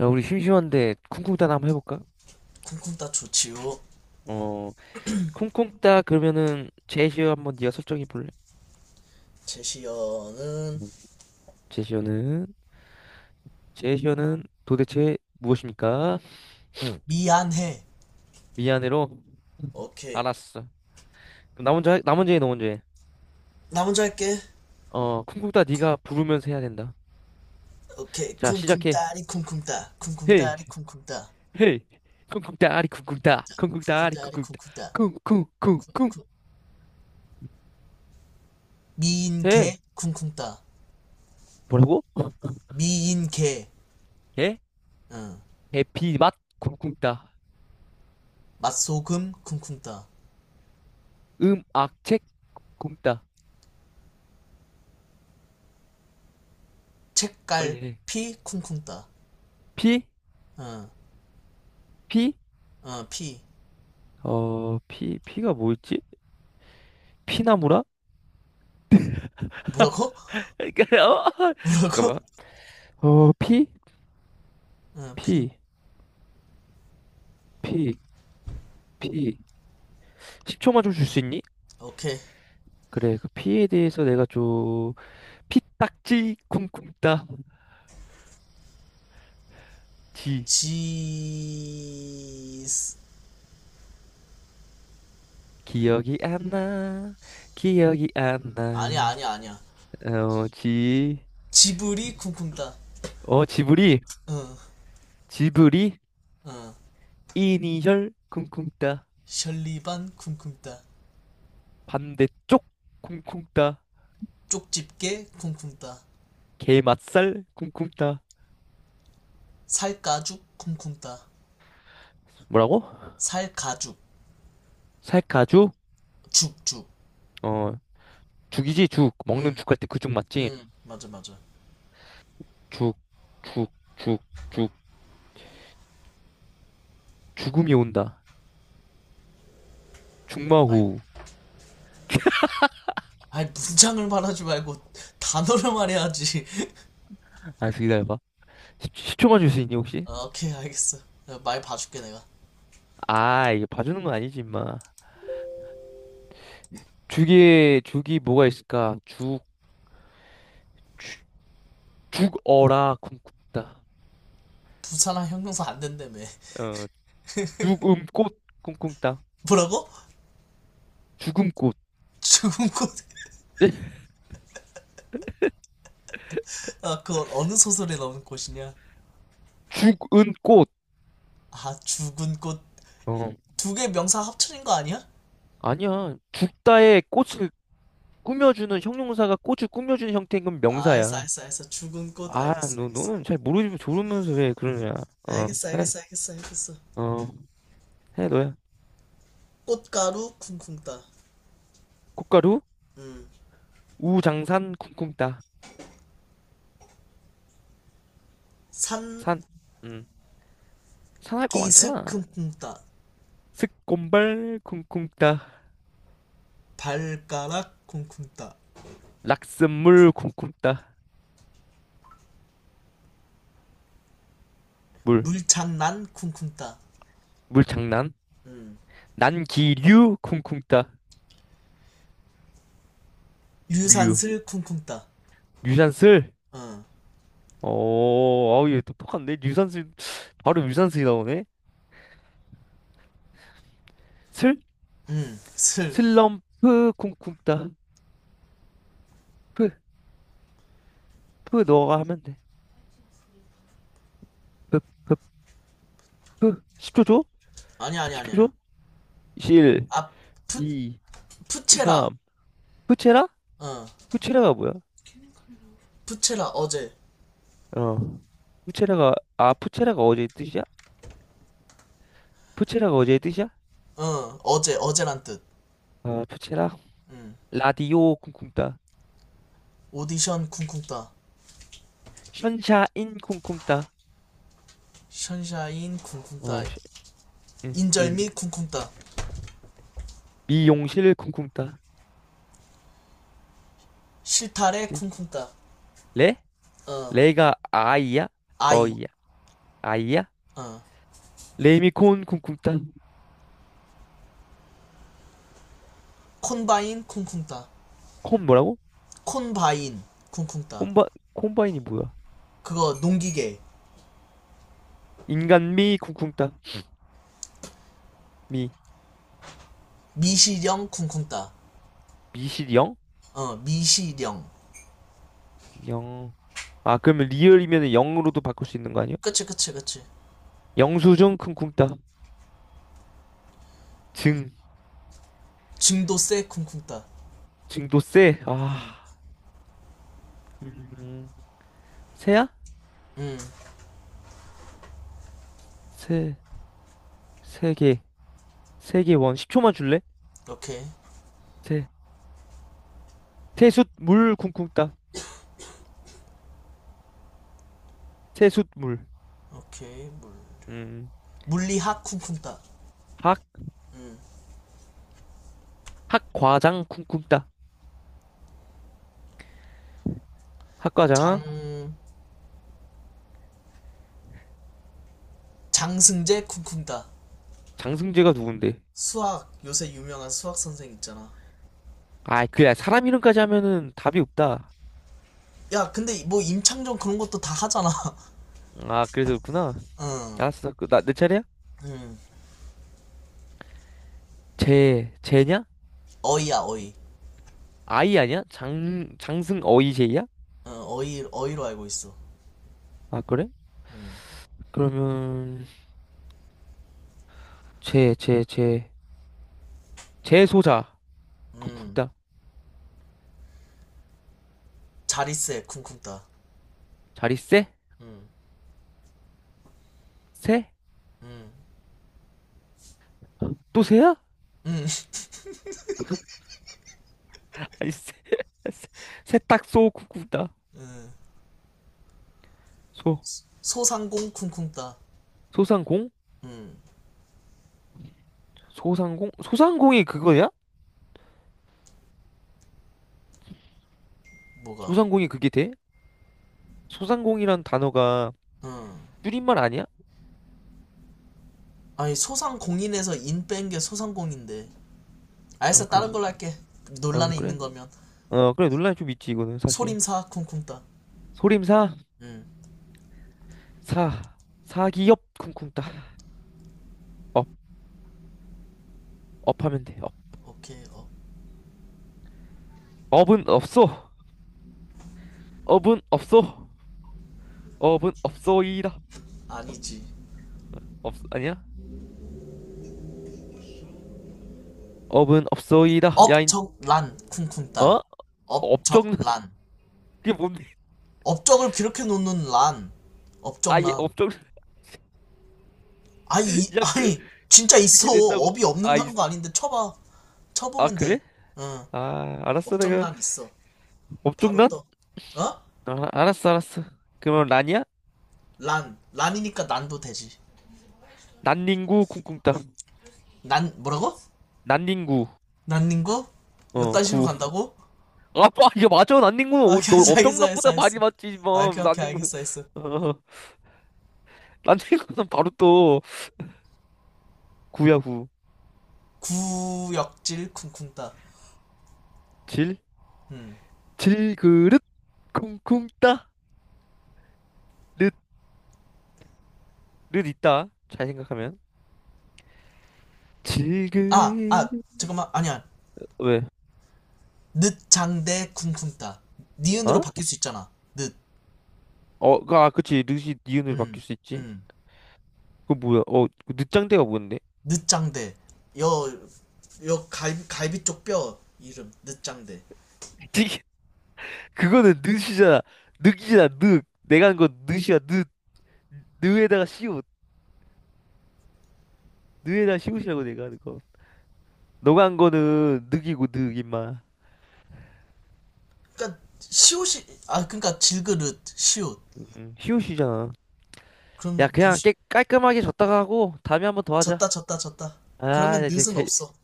야, 우리 심심한데 쿵쿵따나 한번 해볼까? 쿵쿵따 좋지요. 어, 쿵쿵따 그러면은 제시어 한번 네가 설정해 볼래? 제시어는 음. 제시어는 제시어는 도대체 무엇입니까? 미안해. 미안해로 오케이. 알았어. 그럼 나 먼저 해, 나 먼저 해, 너 먼저 해. 나 먼저 할게. 어, 쿵쿵따 쿵- 네가 부르면서 해야 된다. 오케이. 자, 시작해. 쿵쿵따리 쿵쿵따. 헤이, 쿵쿵따리 쿵쿵따. 헤이, 쿵쿵따리 쿵쿵따, 쿵쿵따리 쿵쿵따리 쿵쿵따, 쿵쿵따. 쿵쿵쿵쿵. 쿵쿵. 해. 미인개 쿵쿵따. 뭐라고? 미인개. 해? 응. 해피 맛 쿵쿵따, 맛소금 쿵쿵따. 음악 책 쿵따. 책갈 빨리 해. 피 쿵쿵따. 피, 응. 피. 응. 피. 어, 피, 피가 뭐 있지? 피나무라? 뭐라고? 그러니까, 잠깐만. 뭐라고? 어, 피? 응. 피. 피, 피, 피. 10초만 좀 줄 수 있니? 오케이. 그래, 그 피에 대해서 내가 좀, 피딱지, 쿵쿵딱지. 지. 기억이 안 나, 기억이 안 아니야 나. 아니야 아니야. 어, 지, 지브리 쿵쿵따. 어, 지브리, 어, 지브리, 어. 이니셜, 쿵쿵따. 셜리반 쿵쿵따. 반대쪽, 쿵쿵따. 쪽집게 쿵쿵따. 게맛살, 쿵쿵따. 살가죽 쿵쿵따. 뭐라고? 살가죽. 살카주? 죽죽. 어.. 죽이지 죽 응. 먹는 죽할 때 그 죽 맞지? 응 맞아 맞아. 죽 죽 죽 죽 죽음이 온다 아이, 죽마호 아이 문장을 말하지 말고 단어를 말해야지. 알았어 기다려봐 10, 초만 줄 수 있니 혹시? 어, 오케이 알겠어. 내가 말 봐줄게 내가. 아 이게 봐주는 건 아니지 임마 죽에 죽이 뭐가 있을까? 죽 죽- 죽어라 쿵쿵따 부산항 형용사 안 된다며. 어 죽음 꽃 쿵쿵따 뭐라고? 죽음 꽃 죽은 꽃. 아, 그거 어느 소설에 나오는 꽃이냐. 죽은 꽃 아 죽은 꽃. 어. 두 개 명사 합쳐진 거 아니야? 아니야 죽다의 꽃을 꾸며주는 형용사가 꽃을 꾸며주는 형태인 건 아, 알겠어, 명사야 알겠어, 알겠어. 죽은 꽃, 아, 알겠어, 너, 알겠어. 너는 잘 모르지만 모르면서 왜 그러냐. 어, 알겠어, 해. 알겠어, 알겠어, 알겠어. 어, 해, 너야. 꽃가루 쿵쿵 따. 꽃가루, 음. 우장산, 쿵쿵따. 산기슭 산. 음, 산할 거 많잖아. 쿵쿵 따. 스콘발, 쿵쿵따. 발가락 쿵쿵 따. 락슨물, 쿵쿵따. 물. 물장난 쿵쿵 따. 물 장난. 음. 난기류, 쿵쿵따. 류. 유산슬 쿵쿵 따. 유산슬. 어. 오, 아우, 얘 똑똑한데? 유산슬, 바로 유산슬이 나오네. 슬? 음. 슬. 슬럼프, 쿵쿵따. 프, 프, 너가 하면 돼. 프, 프, 프. 10초 줘? 아니야, 아니야, 10초 줘? 아니야. 1, 아, 푸, 2. 푸체라. 3. 푸체라? 어. 푸체라가 뭐야? 푸체라, 어제. 어. 푸체라가, 아, 푸체라가 어제의 뜻이야? 푸체라가 어제의 뜻이야? 어, 어제, 어제란 뜻. 아, 푸체라. 음. 라디오 쿵쿵따. 오디션 쿵쿵 따. 션샤인 쿵쿵따. 션샤인 쿵쿵 어, 따. 션- 인. 인절미 인. 쿵쿵 따. 미용실 쿵쿵따. 실타래 실. 쿵쿵따. 레? 어. 레가 아이야? 아이. 어이야? 아이야? 어. 레미콘 쿵쿵따. 콘바인 쿵쿵따. 콤 뭐라고? 콘바인 쿵쿵따. 콤바, 콤바인이 뭐야? 그거 농기계. 인간미 쿵쿵따. 미. 미시령 쿵쿵따. 미실 영? 어 미시령. 영. 아, 그러면 리얼이면 0으로도 바꿀 수 있는 거 아니야? 그치 그치 그치. 영수증 큰 쿵따. 증. 증도세 쿵쿵따. 증도세. 아. 음. 세야? 세. 세 개. 세 개 원. 10초만 줄래? 오케이. 세. 세숫물 쿵쿵따. 세숫물. 오케이 물. 음. 물리학 쿵쿵따. 학. 학과장 쿵쿵따. 학과장. 장 장승재 쿵쿵따. 장승재가 누군데? 수학 요새 유명한 수학 선생 있잖아. 아, 그래. 사람 이름까지 하면은 답이 없다. 야 근데 뭐 임창정 그런 것도 다 하잖아. 아, 그래서 그렇구나. 응. 알았어. 그, 나, 내 차례야? 응. 재, 재냐? 어이야 어이. 아이 아니야? 장, 장승 어이 재야? 어, 어이 어이로 알고 있어. 아, 그래? 그러면, 재, 재, 재, 재소자. 쿵 음, 다 자리세 쿵쿵따. 자리 세? 세? 또 새야? 아니 세, 세- 세탁소 쿵다소 소상공 쿵쿵따. 소상공? 음, 소상공? 소상공이 그거야? 뭐가? 소상공이 그게 돼? 소상공이란 단어가 음. 줄임말 아니야? 아니, 소상공인에서 인 뺀 게 소상공인데. 아 알았어, 다른 그런가? 걸로 할게. 어 논란에 있는 그래. 거면. 어 그래 논란이 좀 있지 이거는 사실. 소림사 쿵쿵따. 소림사 음, 사 사기업 쿵쿵따. 업 업하면 돼. 업 오케이, 어. 업은 없어. 업은 없어. 업은 없어이다. 아니지. 없 아니야? 업은 없어이다. 야인 업적란 어? 쿵쿵따. 업적는 업적란. 그게 뭔데? 업적을 비롯해 놓는 란. 아예 업적란. 업종 아니, 이야 그- 아니, 진짜 그게 있어. 된다고 업이 아, 이 없는다는 거 아닌데 쳐봐. 아 쳐보면 돼. 그래? 응, 아 알았어 내가 업적란 있어. 바로 업종란? 떠. 어? 아, 알았어 알았어 그러면 란이야? 란. 란이니까 난도 되지. 난닝구 쿵쿵따 난, 뭐라고? 난닝구 난님고? 어 요딴 식으로 구 간다고? 아빠 이거 맞아 난닝구는 아, 어, 오케이, 너 알겠어, 알겠어, 알겠어, 업종란보다 알겠어. 많이 맞지 아, 뭐 오케이, 오케이, 난닝구 알겠어, 알겠어. 어 난닝구는 바로 또 구야 구역질 쿵쿵따. 구질 음. 질그릇 쿵쿵따 릇릇 있다 잘 생각하면 아, 질그릇 아, 잠깐만, 아니야. 왜? 늦장대 쿵쿵따. 니은으로 어? 바뀔 수 있잖아. 늦. 어, 그, 아, 그치. 릇이 니은으로 음, 바뀔 수 있지. 음. 그 뭐야? 어, 그 늦장대가 뭔데? 늦장대. 여, 여 갈비 쪽 뼈 이름. 늦장대. 찌개 그거는 늑이잖아. 늑이잖아. 늑. 내가 한 건 늑이야. 늑. 늑에다가 시옷. 늑에다가 시옷이라고 내가 하는 거. 너가 한 거는 늑이고 늑 임마. 그니까, 시옷이, 아, 그니까 질그릇, 시옷. 시옷이잖아. 그럼, 야 니, 그냥 시- 깨, 깔끔하게 졌다가 하고 다음에 한번 더 하자. 졌다 졌다 졌다. 아, 그러면 이제 넷은 제 없어.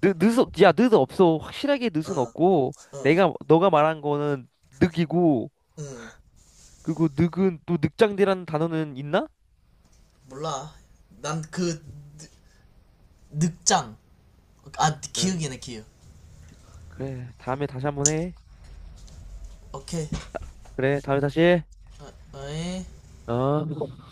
늑, 늑, 없- 야, 늑 없어. 확실하게 늑은 어어응. 없고 어, 어. 내가 너가 말한 거는 늑이고 응. 그리고 늑은 또 늑장대라는 단어는 있나? 몰라. 난 그 늑장. 아 응. 기억이네 기억. 그래. 다음에 다시 한번 해. 오케이. 그래. 다음에 다시 해. 어, 어이. 아,